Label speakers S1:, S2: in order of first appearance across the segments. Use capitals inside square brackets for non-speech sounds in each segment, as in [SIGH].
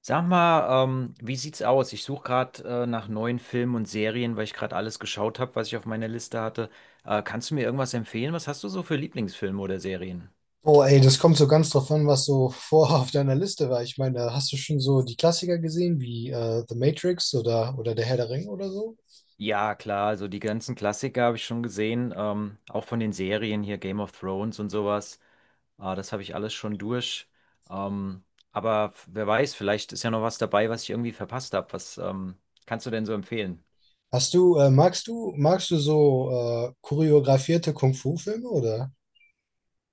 S1: Sag mal, wie sieht's aus? Ich suche gerade nach neuen Filmen und Serien, weil ich gerade alles geschaut habe, was ich auf meiner Liste hatte. Kannst du mir irgendwas empfehlen? Was hast du so für Lieblingsfilme oder Serien?
S2: Oh, ey, das kommt so ganz drauf an, was so vor auf deiner Liste war. Ich meine, da hast du schon so die Klassiker gesehen, wie The Matrix oder Der Herr der Ringe oder so?
S1: Ja, klar, also die ganzen Klassiker habe ich schon gesehen, auch von den Serien hier Game of Thrones und sowas. Das habe ich alles schon durch. Ähm, Wer weiß, vielleicht ist ja noch was dabei, was ich irgendwie verpasst habe. Was kannst du denn so empfehlen?
S2: Hast du, magst du, magst du so choreografierte Kung-Fu-Filme oder?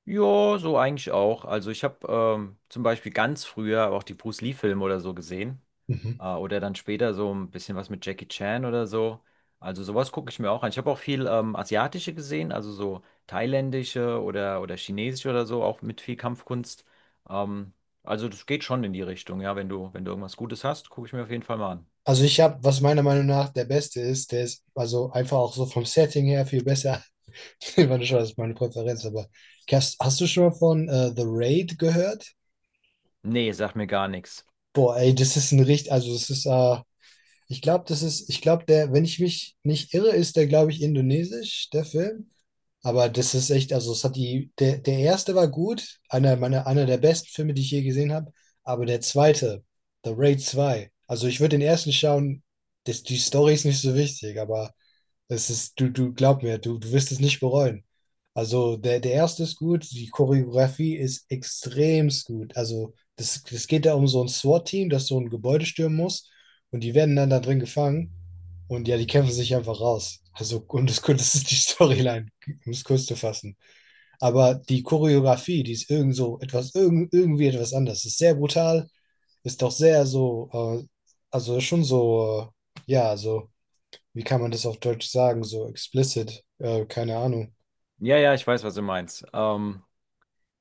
S1: Ja, so eigentlich auch. Also ich habe zum Beispiel ganz früher auch die Bruce Lee-Filme oder so gesehen.
S2: Mhm.
S1: Oder dann später so ein bisschen was mit Jackie Chan oder so. Also sowas gucke ich mir auch an. Ich habe auch viel asiatische gesehen, also so thailändische oder chinesische oder so, auch mit viel Kampfkunst. Ähm, also das geht schon in die Richtung, ja. Wenn du irgendwas Gutes hast, gucke ich mir auf jeden Fall mal an.
S2: Also ich habe, was meiner Meinung nach der beste ist, der ist also einfach auch so vom Setting her viel besser. [LAUGHS] Ich meine, schon, das ist meine Präferenz, aber hast du schon mal von The Raid gehört?
S1: Nee, sagt mir gar nichts.
S2: Boah, ey, das ist ein richtig, also das ist. Ich glaube, der, wenn ich mich nicht irre, ist der, glaube ich, indonesisch, der Film. Aber das ist echt, also es hat der erste war gut, einer der besten Filme, die ich je gesehen habe. Aber der zweite, The Raid zwei. Also ich würde den ersten schauen, das, die Story ist nicht so wichtig, aber es ist, du glaub mir, du wirst es nicht bereuen. Also der erste ist gut, die Choreografie ist extremst gut. Also das geht da um so ein SWAT-Team, das so ein Gebäude stürmen muss und die werden dann da drin gefangen und ja, die kämpfen sich einfach raus. Also und das [LAUGHS] ist die Storyline, um es kurz zu fassen. Aber die Choreografie, die ist irgend so etwas, irgendwie etwas anders. Ist sehr brutal, ist doch sehr so, äh, also schon so, ja, so wie kann man das auf Deutsch sagen? So explicit, keine Ahnung.
S1: Ja, ja, ich weiß, was du meinst.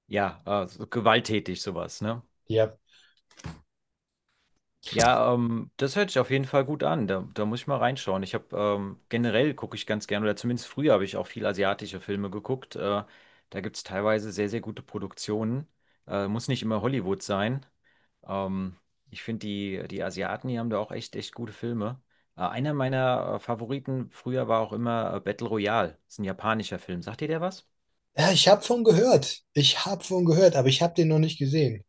S1: Ja, so gewalttätig sowas, ne?
S2: Ja.
S1: Ja, das hört sich auf jeden Fall gut an. Da muss ich mal reinschauen. Ich habe generell gucke ich ganz gerne, oder zumindest früher habe ich auch viel asiatische Filme geguckt. Da gibt es teilweise sehr, sehr gute Produktionen. Muss nicht immer Hollywood sein. Ähm, Ich finde, die, die Asiaten, die haben da auch echt, echt gute Filme. Einer meiner Favoriten früher war auch immer Battle Royale. Das ist ein japanischer Film. Sagt ihr der was?
S2: Ja, ich habe von gehört. Ich habe von gehört, aber ich habe den noch nicht gesehen.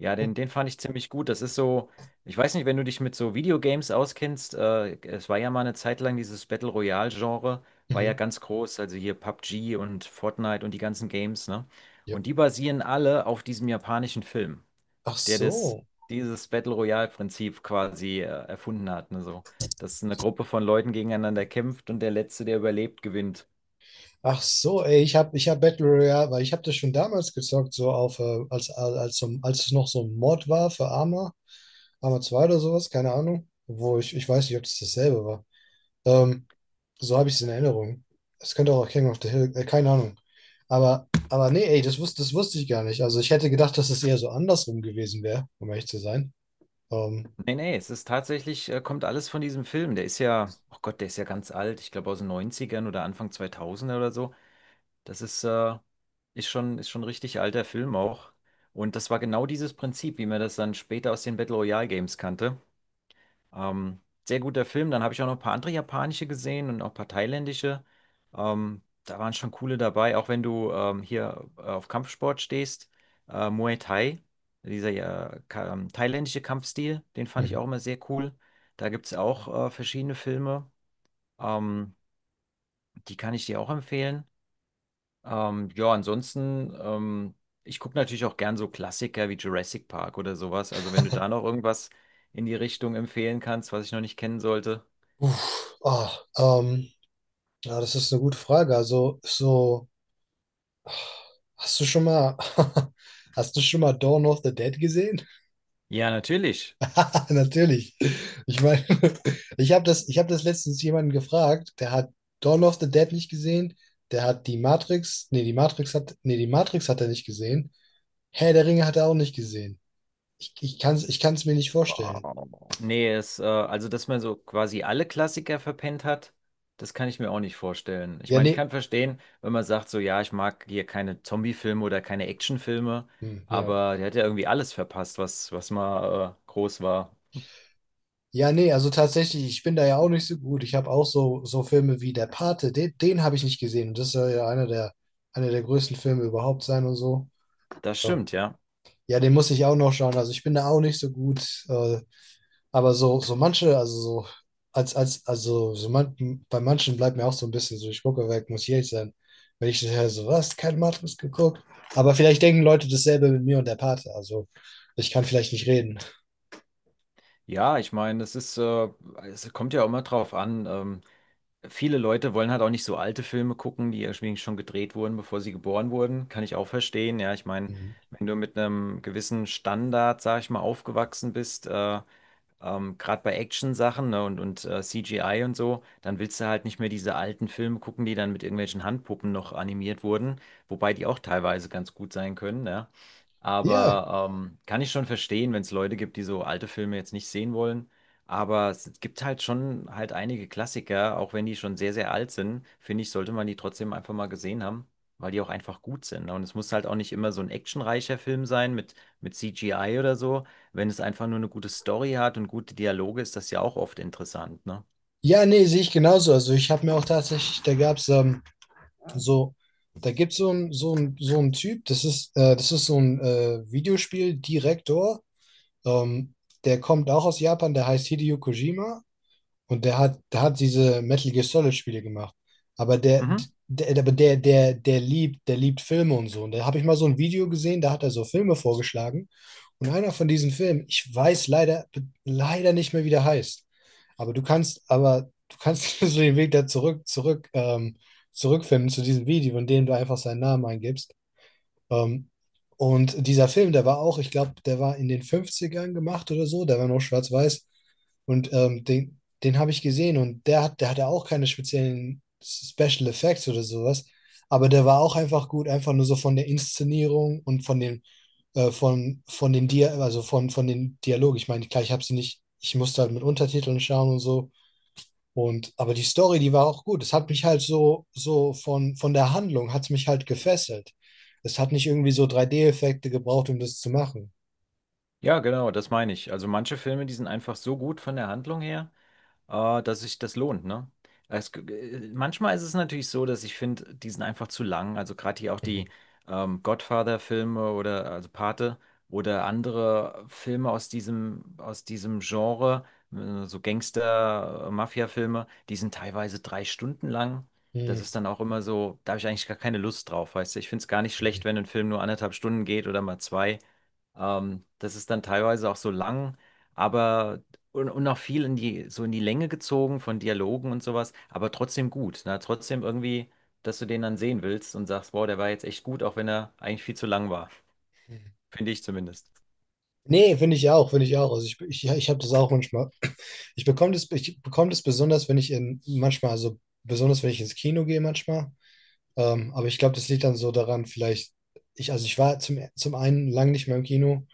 S1: Ja,
S2: Oh,
S1: den, den fand ich ziemlich gut. Das ist so, ich weiß nicht, wenn du dich mit so Videogames auskennst, es war ja mal eine Zeit lang dieses Battle Royale-Genre, war ja
S2: mhm.
S1: ganz groß, also hier PUBG und Fortnite und die ganzen Games, ne? Und
S2: Yep.
S1: die basieren alle auf diesem japanischen Film,
S2: Ach
S1: der das,
S2: so.
S1: dieses Battle Royale-Prinzip quasi, erfunden hat, ne? So, dass eine Gruppe von Leuten gegeneinander kämpft und der Letzte, der überlebt, gewinnt.
S2: Ach so, ey, ich hab Battle Royale, weil ich habe das schon damals gezockt, so auf, als es noch so ein Mod war für Arma, Arma 2 oder sowas, keine Ahnung. Wo ich weiß nicht, ob das dasselbe war. Ähm, so habe ich es in Erinnerung. Es könnte auch King of the Hill, keine Ahnung. Aber nee, ey, das wusste ich gar nicht. Also ich hätte gedacht, dass es eher so andersrum gewesen wäre, um ehrlich zu sein. Ähm,
S1: Nee, nee, es ist tatsächlich, kommt alles von diesem Film. Der ist ja, oh Gott, der ist ja ganz alt. Ich glaube aus den Neunzigern oder Anfang 2000 oder so. Das ist, ist schon ein richtig alter Film auch. Und das war genau dieses Prinzip, wie man das dann später aus den Battle Royale Games kannte. Ähm, Sehr guter Film. Dann habe ich auch noch ein paar andere japanische gesehen und auch ein paar thailändische. Da waren schon coole dabei, auch wenn du hier auf Kampfsport stehst. Muay Thai, dieser ja, ka thailändische Kampfstil, den fand ich
S2: mhm.
S1: auch immer sehr cool. Da gibt es auch verschiedene Filme. Ähm, Die kann ich dir auch empfehlen. Ja, ansonsten, ich gucke natürlich auch gern so Klassiker wie Jurassic Park oder sowas. Also wenn du da noch irgendwas in die Richtung empfehlen kannst, was ich noch nicht kennen sollte.
S2: Uff, ah, ähm, ja, das ist eine gute Frage. Also, so, hast du schon mal, [LAUGHS] hast du schon mal Dawn of the Dead gesehen?
S1: Ja, natürlich.
S2: [LAUGHS] Natürlich. Ich meine, [LAUGHS] ich hab das letztens jemanden gefragt, der hat Dawn of the Dead nicht gesehen, der hat die Matrix, nee, die Matrix hat, nee, die Matrix hat er nicht gesehen. Herr der Ringe hat er auch nicht gesehen. Ich kann es ich kann's mir nicht vorstellen.
S1: Wow. Nee, es, also dass man so quasi alle Klassiker verpennt hat, das kann ich mir auch nicht vorstellen. Ich
S2: Ja,
S1: meine, ich
S2: nee,
S1: kann verstehen, wenn man sagt, so ja, ich mag hier keine Zombie-Filme oder keine Actionfilme,
S2: hm, ja.
S1: aber der hat ja irgendwie alles verpasst, was, was mal groß war.
S2: Ja, nee, also tatsächlich, ich bin da ja auch nicht so gut. Ich habe auch so, so Filme wie Der Pate, den habe ich nicht gesehen. Und das soll ja einer der größten Filme überhaupt sein und so.
S1: Das
S2: So.
S1: stimmt, ja.
S2: Ja, den muss ich auch noch schauen. Also ich bin da auch nicht so gut. Aber so, so manche, also so, als, als, also so man, bei manchen bleibt mir auch so ein bisschen so, ich gucke weg, muss ich ehrlich sein. Wenn ich höre, so, was, kein Matrix geguckt. Aber vielleicht denken Leute dasselbe mit mir und der Pate. Also ich kann vielleicht nicht reden.
S1: Ja, ich meine, es ist, es kommt ja auch immer drauf an. Viele Leute wollen halt auch nicht so alte Filme gucken, die irgendwie schon gedreht wurden, bevor sie geboren wurden. Kann ich auch verstehen. Ja, ich meine,
S2: Mhm.
S1: wenn du mit einem gewissen Standard, sag ich mal, aufgewachsen bist, gerade bei Action-Sachen, ne, und CGI und so, dann willst du halt nicht mehr diese alten Filme gucken, die dann mit irgendwelchen Handpuppen noch animiert wurden, wobei die auch teilweise ganz gut sein können, ne?
S2: Ja,
S1: Aber kann ich schon verstehen, wenn es Leute gibt, die so alte Filme jetzt nicht sehen wollen. Aber es gibt halt schon halt einige Klassiker, auch wenn die schon sehr, sehr alt sind, finde ich, sollte man die trotzdem einfach mal gesehen haben, weil die auch einfach gut sind. Ne? Und es muss halt auch nicht immer so ein actionreicher Film sein mit CGI oder so, wenn es einfach nur eine gute Story hat und gute Dialoge, ist das ja auch oft interessant, ne?
S2: ja, nee, sehe ich genauso. Also ich habe mir auch tatsächlich, da gab es so, da gibt so es so ein, Typ, das ist so ein Videospieldirektor, ähm, der kommt auch aus Japan, der heißt Hideo Kojima und der hat diese Metal Gear Solid Spiele gemacht. Aber der,
S1: Mhm.
S2: aber der liebt Filme und so. Und da habe ich mal so ein Video gesehen, da hat er so Filme vorgeschlagen. Und einer von diesen Filmen, ich weiß leider nicht mehr, wie der heißt. Aber du kannst [LAUGHS] so den Weg da zurückfinden zu diesem Video, in dem du einfach seinen Namen eingibst. Ähm, und dieser Film, der war auch, ich glaube, der war in den 50ern gemacht oder so, der war noch schwarz-weiß. Und den habe ich gesehen und der hatte auch keine speziellen Special Effects oder sowas. Aber der war auch einfach gut, einfach nur so von der Inszenierung und von den Dia also von den Dialogen. Ich meine, klar, ich habe sie nicht, ich musste halt mit Untertiteln schauen und so. Aber die Story, die war auch gut. Es hat mich halt so, so von der Handlung, hat es mich halt gefesselt. Es hat nicht irgendwie so 3D-Effekte gebraucht, um das zu machen.
S1: Ja, genau, das meine ich. Also manche Filme, die sind einfach so gut von der Handlung her. Dass sich das lohnt, ne? Es, g- Manchmal ist es natürlich so, dass ich finde, die sind einfach zu lang. Also gerade hier auch
S2: Mhm.
S1: die Godfather-Filme oder also Pate oder andere Filme aus diesem Genre, so Gangster-Mafia-Filme, die sind teilweise drei Stunden lang. Das
S2: Mhm.
S1: ist dann auch immer so, da habe ich eigentlich gar keine Lust drauf, weißt du? Ich finde es gar nicht schlecht, wenn ein Film nur anderthalb Stunden geht oder mal zwei. Das ist dann teilweise auch so lang, aber und auch viel in die, so in die Länge gezogen von Dialogen und sowas, aber trotzdem gut. Ne? Trotzdem irgendwie, dass du den dann sehen willst und sagst, wow, der war jetzt echt gut, auch wenn er eigentlich viel zu lang war. Finde ich zumindest.
S2: Nee, finde ich auch, finde ich auch. Also ich habe das auch manchmal. Ich bekomme das besonders, wenn ich in manchmal, also besonders wenn ich ins Kino gehe manchmal, aber ich glaube, das liegt dann so daran, vielleicht, also ich war zum, einen lang nicht mehr im Kino,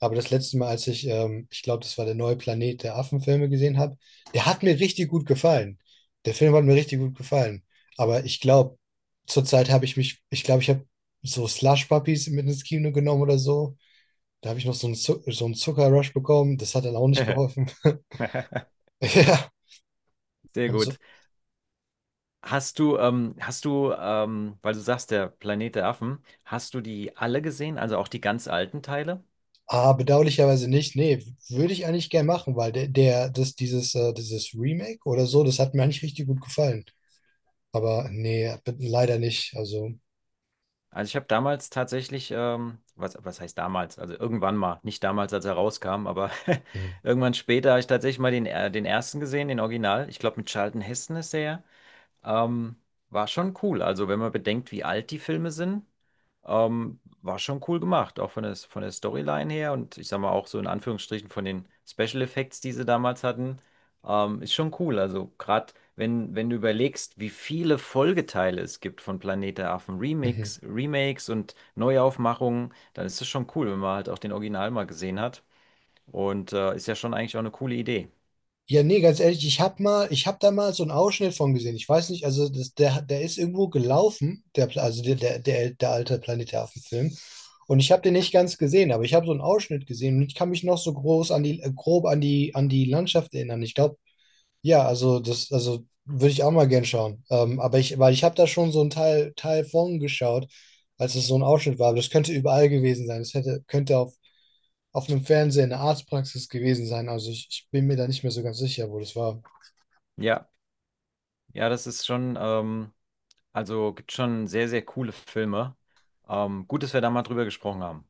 S2: aber das letzte Mal, als ich glaube, das war der neue Planet der Affenfilme gesehen habe, der hat mir richtig gut gefallen. Der Film hat mir richtig gut gefallen. Aber ich glaube, zurzeit habe ich mich, ich glaube, ich habe so Slush-Puppies mit ins Kino genommen oder so. Da habe ich noch so einen Zuckerrush bekommen. Das hat dann auch nicht
S1: [LAUGHS]
S2: geholfen. [LAUGHS] Ja.
S1: Sehr
S2: Und so
S1: gut. Hast du, weil du sagst, der Planet der Affen, hast du die alle gesehen, also auch die ganz alten Teile?
S2: Ah, bedauerlicherweise nicht. Nee, würde ich eigentlich gern machen, weil dieses Remake oder so, das hat mir eigentlich richtig gut gefallen. Aber nee, leider nicht. Also,
S1: Also ich habe damals tatsächlich, was, was heißt damals? Also irgendwann mal, nicht damals, als er rauskam, aber
S2: hm,
S1: [LAUGHS] irgendwann später habe ich tatsächlich mal den, den ersten gesehen, den Original. Ich glaube, mit Charlton Heston ist der ja. Ähm, War schon cool. Also, wenn man bedenkt, wie alt die Filme sind, war schon cool gemacht. Auch von der Storyline her und ich sag mal auch so in Anführungsstrichen von den Special Effects, die sie damals hatten, ist schon cool. Also, gerade wenn, wenn du überlegst, wie viele Folgeteile es gibt von Planet der Affen,
S2: mhm.
S1: Remix, Remakes und Neuaufmachungen, dann ist es schon cool, wenn man halt auch den Original mal gesehen hat. Und ist ja schon eigentlich auch eine coole Idee.
S2: Ja, nee, ganz ehrlich, ich hab da mal so einen Ausschnitt von gesehen. Ich weiß nicht, also der ist irgendwo gelaufen, der alte Planet der Affen-Film. Und ich habe den nicht ganz gesehen, aber ich habe so einen Ausschnitt gesehen und ich kann mich noch so groß grob an die Landschaft erinnern. Ich glaube, Ja, also würde ich auch mal gern schauen. Aber ich, weil ich habe da schon so einen Teil von geschaut, als es so ein Ausschnitt war. Aber das könnte überall gewesen sein. Das könnte auf einem Fernseher in der Arztpraxis gewesen sein. Also ich bin mir da nicht mehr so ganz sicher, wo das war.
S1: Ja, ja, das ist schon. Also gibt schon sehr, sehr coole Filme. Gut, dass wir da mal drüber gesprochen haben.